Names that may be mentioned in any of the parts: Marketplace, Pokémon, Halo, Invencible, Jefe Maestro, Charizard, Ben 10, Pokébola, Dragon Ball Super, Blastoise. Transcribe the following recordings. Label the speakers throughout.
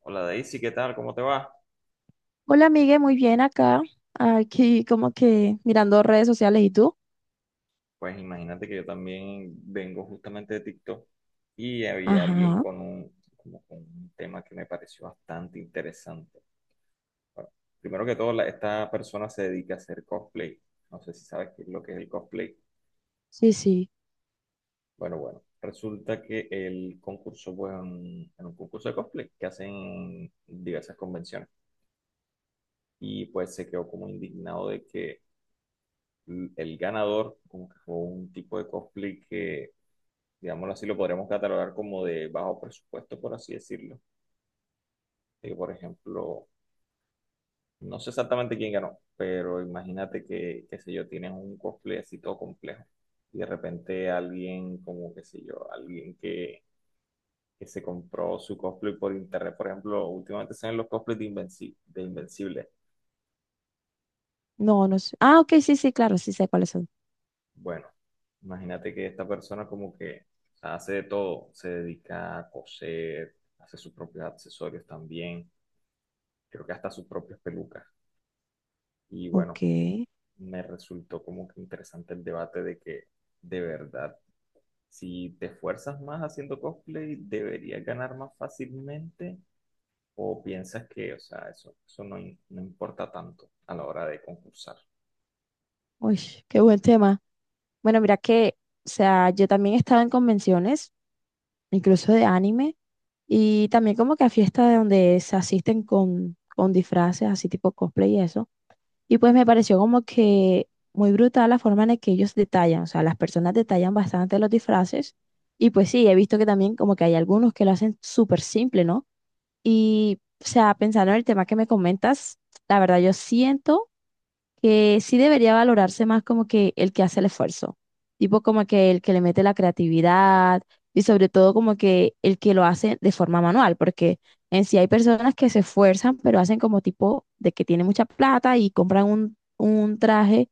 Speaker 1: Hola Daisy, ¿qué tal? ¿Cómo te va?
Speaker 2: Hola, Miguel, muy bien acá. Aquí como que mirando redes sociales. ¿Y tú?
Speaker 1: Pues imagínate que yo también vengo justamente de TikTok y había alguien
Speaker 2: Ajá.
Speaker 1: con como con un tema que me pareció bastante interesante. Bueno, primero que todo, esta persona se dedica a hacer cosplay. No sé si sabes qué es lo que es el cosplay.
Speaker 2: Sí, sí.
Speaker 1: Bueno, bueno, resulta que el concurso fue en un concurso de cosplay que hacen en diversas convenciones y pues se quedó como indignado de que el ganador como que fue un tipo de cosplay que, digámoslo así, lo podríamos catalogar como de bajo presupuesto, por así decirlo. De por ejemplo, no sé exactamente quién ganó, pero imagínate que, qué sé yo, tienes un cosplay así todo complejo y de repente alguien como, qué sé yo, alguien que se compró su cosplay por internet, por ejemplo, últimamente se ven los cosplays de de Invencible.
Speaker 2: No, no sé. Ah, ok, sí, sí, claro, sí sé cuáles son.
Speaker 1: Bueno, imagínate que esta persona como que hace de todo, se dedica a coser, hace sus propios accesorios también, creo que hasta sus propias pelucas. Y
Speaker 2: Ok.
Speaker 1: bueno, me resultó como que interesante el debate de que, de verdad, si te esfuerzas más haciendo cosplay, deberías ganar más fácilmente o piensas que, o sea, eso no, no importa tanto a la hora de concursar.
Speaker 2: Uy, qué buen tema. Bueno, mira que, o sea, yo también estaba en convenciones, incluso de anime, y también como que a fiestas de donde se asisten con disfraces, así tipo cosplay y eso. Y pues me pareció como que muy brutal la forma en la que ellos detallan, o sea, las personas detallan bastante los disfraces y pues sí, he visto que también como que hay algunos que lo hacen súper simple, ¿no? Y, o sea, pensando en el tema que me comentas, la verdad yo siento que sí debería valorarse más como que el que hace el esfuerzo, tipo como que el que le mete la creatividad y sobre todo como que el que lo hace de forma manual, porque en sí hay personas que se esfuerzan, pero hacen como tipo de que tiene mucha plata y compran un traje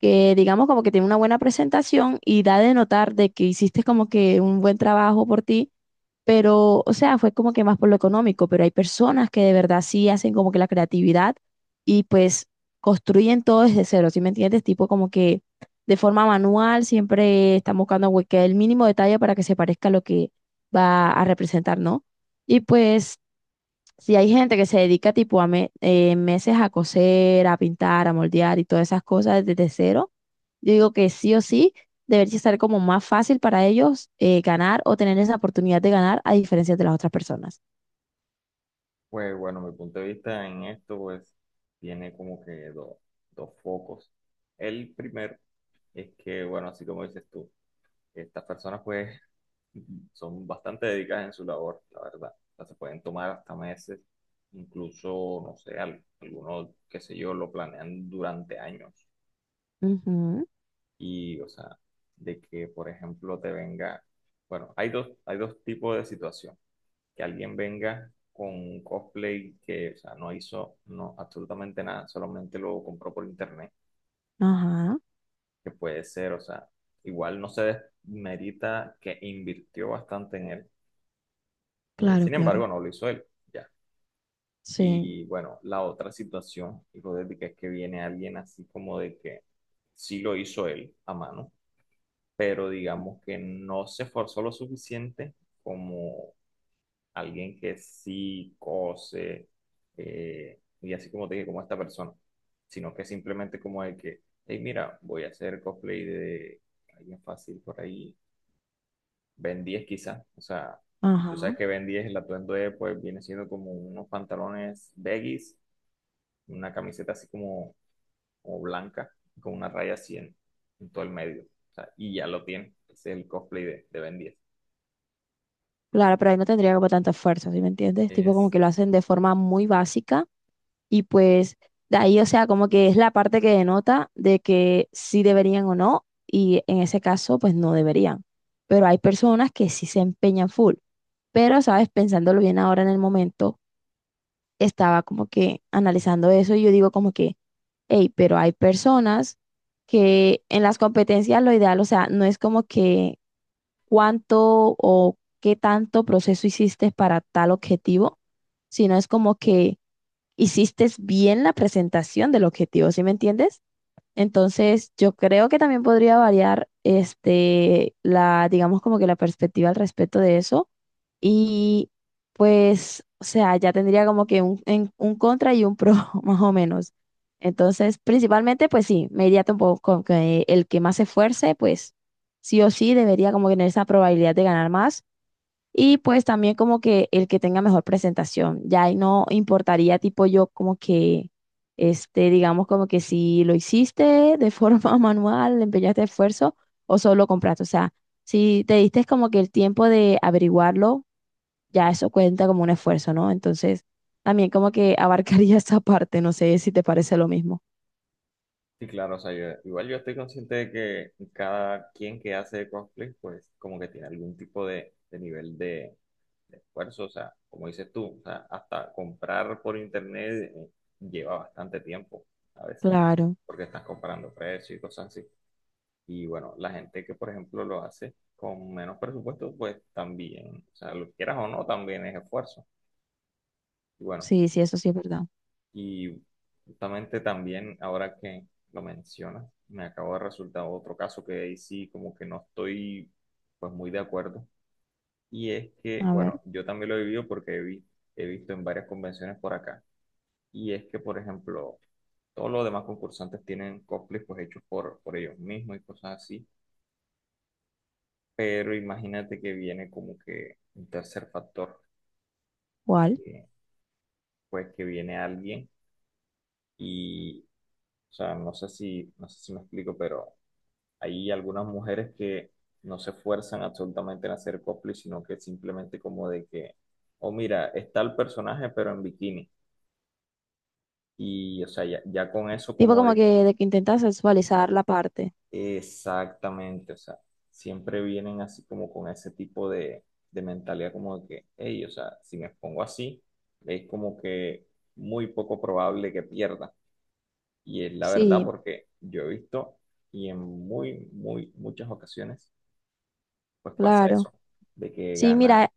Speaker 2: que digamos como que tiene una buena presentación y da de notar de que hiciste como que un buen trabajo por ti pero, o sea, fue como que más por lo económico, pero hay personas que de verdad sí hacen como que la creatividad y pues construyen todo desde cero, ¿sí me entiendes? Tipo como que de forma manual siempre están buscando güey, que el mínimo detalle para que se parezca a lo que va a representar, ¿no? Y pues si hay gente que se dedica tipo a meses a coser, a pintar, a moldear y todas esas cosas desde cero, yo digo que sí o sí debería estar como más fácil para ellos ganar o tener esa oportunidad de ganar a diferencia de las otras personas.
Speaker 1: Pues bueno, mi punto de vista en esto, pues, tiene como que dos focos. El primero es que, bueno, así como dices tú. Estas personas pues son bastante dedicadas en su labor, la verdad. O sea, se pueden tomar hasta meses, incluso, no sé, algunos, qué sé yo, lo planean durante años.
Speaker 2: Ujú.
Speaker 1: Y, o sea, de que, por ejemplo, te venga, bueno, hay dos tipos de situación. Que alguien venga con un cosplay que, o sea, no hizo, no, absolutamente nada, solamente lo compró por internet,
Speaker 2: Ajá,
Speaker 1: que puede ser, o sea, igual no se desmerita que invirtió bastante en él.
Speaker 2: claro,
Speaker 1: Sin
Speaker 2: claro.
Speaker 1: embargo, no lo hizo él, ya.
Speaker 2: Sí,
Speaker 1: Y bueno, la otra situación hipotética es que viene alguien así como de que sí lo hizo él a mano, pero digamos que no se esforzó lo suficiente como alguien que sí cose, y así como te dije, como esta persona, sino que simplemente como el que, hey, mira, voy a hacer cosplay de alguien fácil por ahí, Ben 10 quizá, o sea, tú sabes
Speaker 2: ajá.
Speaker 1: que Ben 10, el atuendo de, pues, viene siendo como unos pantalones baggies, una camiseta así como, como blanca, con una raya así en todo el medio, o sea, y ya lo tiene, ese es el cosplay de Ben 10.
Speaker 2: Claro, pero ahí no tendría como tanto esfuerzo, ¿sí me entiendes? Tipo como
Speaker 1: Es,
Speaker 2: que lo hacen de forma muy básica. Y pues de ahí, o sea, como que es la parte que denota de que sí deberían o no, y en ese caso, pues no deberían. Pero hay personas que sí se empeñan full. Pero, sabes, pensándolo bien ahora en el momento, estaba como que analizando eso y yo digo como que, hey, pero hay personas que en las competencias lo ideal, o sea, no es como que cuánto o qué tanto proceso hiciste para tal objetivo, sino es como que hiciste bien la presentación del objetivo, ¿sí me entiendes? Entonces, yo creo que también podría variar este la digamos como que la perspectiva al respecto de eso y pues, o sea, ya tendría como que un contra y un pro más o menos. Entonces, principalmente pues sí, me iría un poco con que el que más se esfuerce, pues sí o sí debería como que tener esa probabilidad de ganar más. Y pues también como que el que tenga mejor presentación, ya ahí no importaría tipo yo como que, este, digamos como que si lo hiciste de forma manual, le empeñaste esfuerzo o solo compraste, o sea, si te diste como que el tiempo de averiguarlo, ya eso cuenta como un esfuerzo, ¿no? Entonces, también como que abarcaría esa parte, no sé si te parece lo mismo.
Speaker 1: sí, claro, o sea, igual yo estoy consciente de que cada quien que hace cosplay pues como que tiene algún tipo de nivel de esfuerzo, o sea, como dices tú, o sea, hasta comprar por internet, lleva bastante tiempo a veces,
Speaker 2: Claro,
Speaker 1: porque estás comparando precios y cosas así. Y bueno, la gente que, por ejemplo, lo hace con menos presupuesto, pues también, o sea, lo quieras o no, también es esfuerzo. Y bueno,
Speaker 2: sí, sí, eso sí es verdad.
Speaker 1: y justamente también, ahora que lo mencionas, me acabo de resultar otro caso que ahí sí, como que no estoy, pues, muy de acuerdo. Y es que,
Speaker 2: A ver,
Speaker 1: bueno, yo también lo he vivido porque he visto en varias convenciones por acá. Y es que, por ejemplo, todos los demás concursantes tienen cosplays pues hechos por ellos mismos y cosas así. Pero imagínate que viene como que un tercer factor,
Speaker 2: ¿cuál?
Speaker 1: que, pues, que viene alguien y, o sea, no sé si, no sé si me explico, pero hay algunas mujeres que no se esfuerzan absolutamente en hacer cosplay, sino que simplemente como de que, oh, mira, está el personaje pero en bikini. Y, o sea, ya, ya con eso
Speaker 2: Tipo
Speaker 1: como
Speaker 2: como
Speaker 1: de...
Speaker 2: que de que intentas sexualizar la parte.
Speaker 1: Exactamente, o sea, siempre vienen así como con ese tipo de mentalidad como de que, hey, o sea, si me pongo así, es como que muy poco probable que pierda. Y es la verdad,
Speaker 2: Sí,
Speaker 1: porque yo he visto y en muy, muy, muchas ocasiones pues pasa
Speaker 2: claro.
Speaker 1: eso, de que
Speaker 2: Sí,
Speaker 1: gana.
Speaker 2: mira,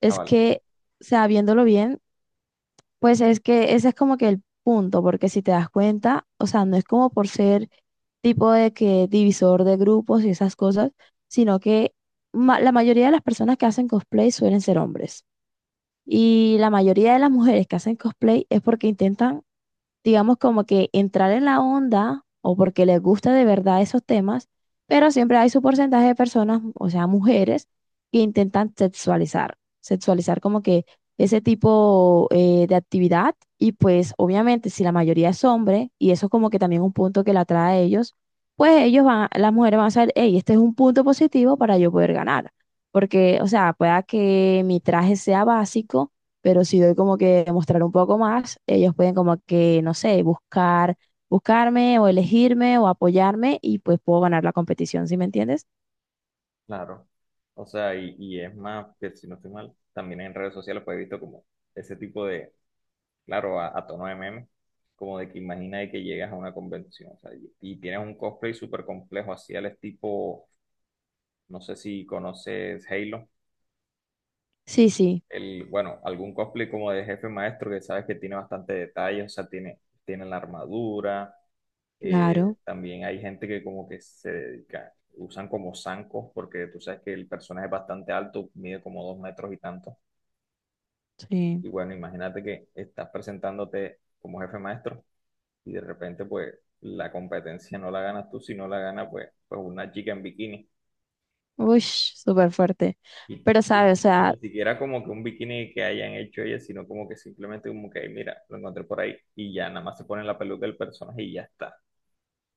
Speaker 2: es
Speaker 1: Aval,
Speaker 2: que, o sea, viéndolo bien, pues es que ese es como que el punto, porque si te das cuenta, o sea, no es como por ser tipo de que divisor de grupos y esas cosas, sino que la mayoría de las personas que hacen cosplay suelen ser hombres. Y la mayoría de las mujeres que hacen cosplay es porque intentan digamos, como que entrar en la onda o porque les gusta de verdad esos temas, pero siempre hay su porcentaje de personas, o sea, mujeres, que intentan sexualizar como que ese tipo de actividad y pues obviamente si la mayoría es hombre y eso como que también un punto que la atrae a ellos, pues ellos van, las mujeres van a saber, hey, este es un punto positivo para yo poder ganar. Porque, o sea, pueda que mi traje sea básico, pero si doy como que mostrar un poco más, ellos pueden como que, no sé, buscar, buscarme o elegirme o apoyarme y pues puedo ganar la competición, ¿sí me entiendes?
Speaker 1: claro. O sea, y es más, que si no estoy mal, también en redes sociales pues he visto como ese tipo claro, a tono de meme, como de que imagina de que llegas a una convención, o sea, y tienes un cosplay súper complejo, así al tipo, no sé si conoces Halo,
Speaker 2: Sí, sí,
Speaker 1: el, bueno, algún cosplay como de jefe maestro que sabes que tiene bastante detalle, o sea, tiene la armadura,
Speaker 2: claro,
Speaker 1: también hay gente que como que se dedica, usan como zancos, porque tú sabes que el personaje es bastante alto, mide como 2 metros y tanto,
Speaker 2: sí.
Speaker 1: y bueno, imagínate que estás presentándote como jefe maestro y de repente pues la competencia no la ganas tú, si no la gana pues, una chica en bikini.
Speaker 2: Uy, súper fuerte.
Speaker 1: Y,
Speaker 2: Pero,
Speaker 1: y-
Speaker 2: ¿sabes? O
Speaker 1: y-
Speaker 2: sea,
Speaker 1: ni siquiera como que un bikini que hayan hecho ellas, sino como que simplemente como que, "Ay, mira, lo encontré por ahí y ya nada más se pone la peluca del personaje y ya está".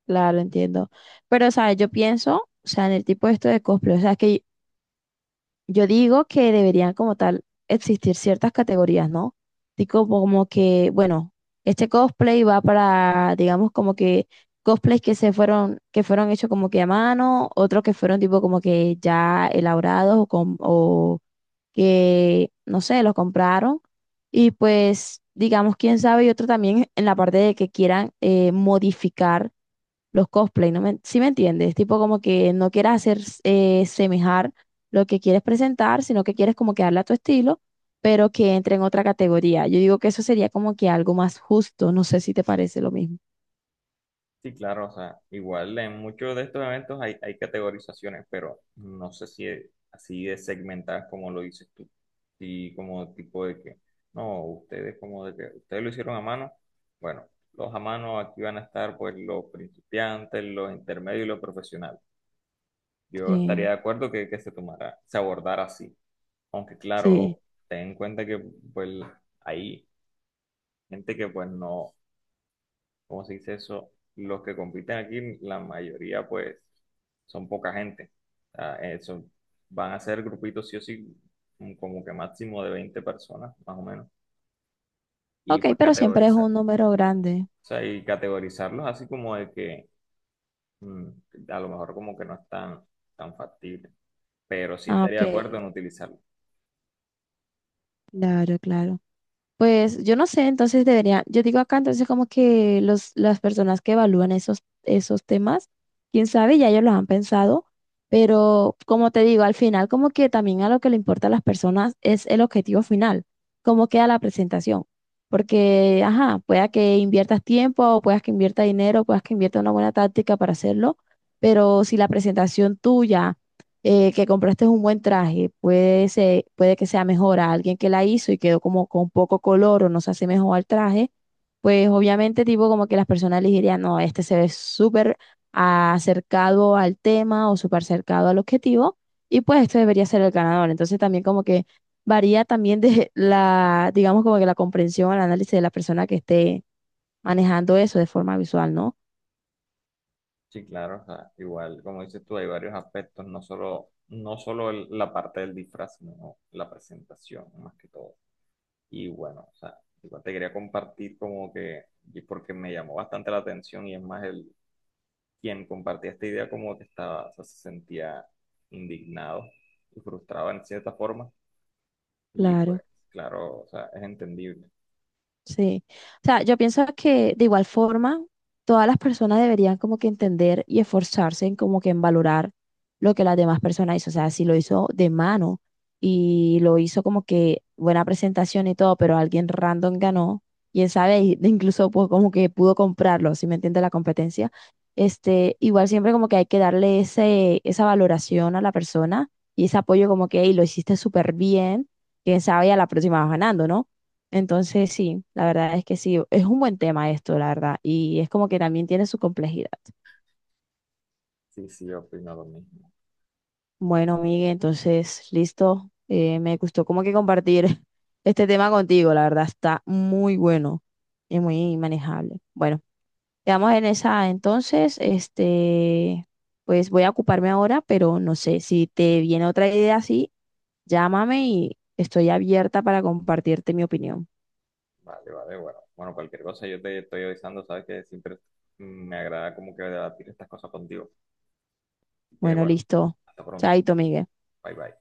Speaker 2: claro, entiendo. Pero, ¿sabes? Yo pienso, o sea, en el tipo de esto de cosplay, o sea, es que yo digo que deberían como tal existir ciertas categorías, ¿no? Tipo como que, bueno, este cosplay va para, digamos, como que cosplays que se fueron, que fueron hechos como que a mano, otros que fueron tipo como que ya elaborados o, con, o que, no sé, los compraron. Y pues, digamos, quién sabe, y otro también en la parte de que quieran modificar los cosplay, ¿no me, sí me entiendes? Tipo como que no quieras hacer semejar lo que quieres presentar, sino que quieres como que darle a tu estilo, pero que entre en otra categoría. Yo digo que eso sería como que algo más justo, no sé si te parece lo mismo.
Speaker 1: Sí, claro, o sea, igual en muchos de estos eventos hay categorizaciones, pero no sé si es así de segmentadas como lo dices tú. Y como tipo de que, no, ustedes como de que, ustedes lo hicieron a mano. Bueno, los a mano aquí van a estar pues los principiantes, los intermedios y los profesionales. Yo estaría
Speaker 2: Sí,
Speaker 1: de acuerdo que se tomara, se abordara así. Aunque
Speaker 2: sí.
Speaker 1: claro, ten en cuenta que pues hay gente que pues no. ¿Cómo se dice eso? Los que compiten aquí, la mayoría, pues, son poca gente. Ah, van a ser grupitos sí o sí, como que máximo de 20 personas, más o menos. Y
Speaker 2: Ok,
Speaker 1: pues
Speaker 2: pero siempre es un
Speaker 1: categorizar.
Speaker 2: número grande.
Speaker 1: O sea, y categorizarlos así como de que mm, a lo mejor como que no es tan, tan factible. Pero sí
Speaker 2: Ah,
Speaker 1: estaría
Speaker 2: ok.
Speaker 1: de acuerdo en utilizarlo.
Speaker 2: Claro, claro. Pues yo no sé, entonces debería, yo digo acá, entonces como que los, las personas que evalúan esos temas, quién sabe, ya ellos los han pensado, pero como te digo, al final como que también a lo que le importa a las personas es el objetivo final, cómo queda la presentación, porque, ajá, pueda que inviertas tiempo, o puedas que invierta dinero, puedas que invierta una buena táctica para hacerlo, pero si la presentación tuya que compraste un buen traje, puede que sea mejor a alguien que la hizo y quedó como con poco color o no se hace mejor al traje, pues obviamente tipo como que las personas les dirían, no, este se ve súper acercado al tema o súper acercado al objetivo y pues este debería ser el ganador. Entonces también como que varía también de la, digamos como que la comprensión, el análisis de la persona que esté manejando eso de forma visual, ¿no?
Speaker 1: Sí, claro, o sea, igual, como dices tú, hay varios aspectos, no solo, no solo la parte del disfraz, sino la presentación, más que todo. Y bueno, o sea, igual te quería compartir como que, y porque me llamó bastante la atención, y es más, el quien compartía esta idea como que estaba, o sea, se sentía indignado y frustrado en cierta forma. Y
Speaker 2: Claro.
Speaker 1: pues, claro, o sea, es entendible.
Speaker 2: Sí, o sea, yo pienso que de igual forma todas las personas deberían como que entender y esforzarse en como que en valorar lo que las demás personas hizo, o sea, si lo hizo de mano y lo hizo como que buena presentación y todo, pero alguien random ganó, quién sabe, y- de incluso pues como que pudo comprarlo, si me entiende la competencia, este, igual siempre como que hay que darle ese, esa valoración a la persona y ese apoyo como que, "Ey, lo hiciste súper bien, quién sabe, y a la próxima vas ganando, ¿no? Entonces, sí, la verdad es que sí, es un buen tema esto, la verdad, y es como que también tiene su complejidad.
Speaker 1: Sí, sí, yo opino lo mismo.
Speaker 2: Bueno, Miguel, entonces, listo, me gustó como que compartir este tema contigo, la verdad, está muy bueno y muy manejable. Bueno, quedamos en esa, entonces, este, pues voy a ocuparme ahora, pero no sé, si te viene otra idea así, llámame y estoy abierta para compartirte mi opinión.
Speaker 1: Vale, vale, bueno. Bueno, cualquier cosa yo te estoy avisando, sabes que siempre me agrada como que debatir estas cosas contigo. Así que
Speaker 2: Bueno,
Speaker 1: bueno,
Speaker 2: listo,
Speaker 1: hasta pronto.
Speaker 2: chaito, Miguel.
Speaker 1: Bye, bye.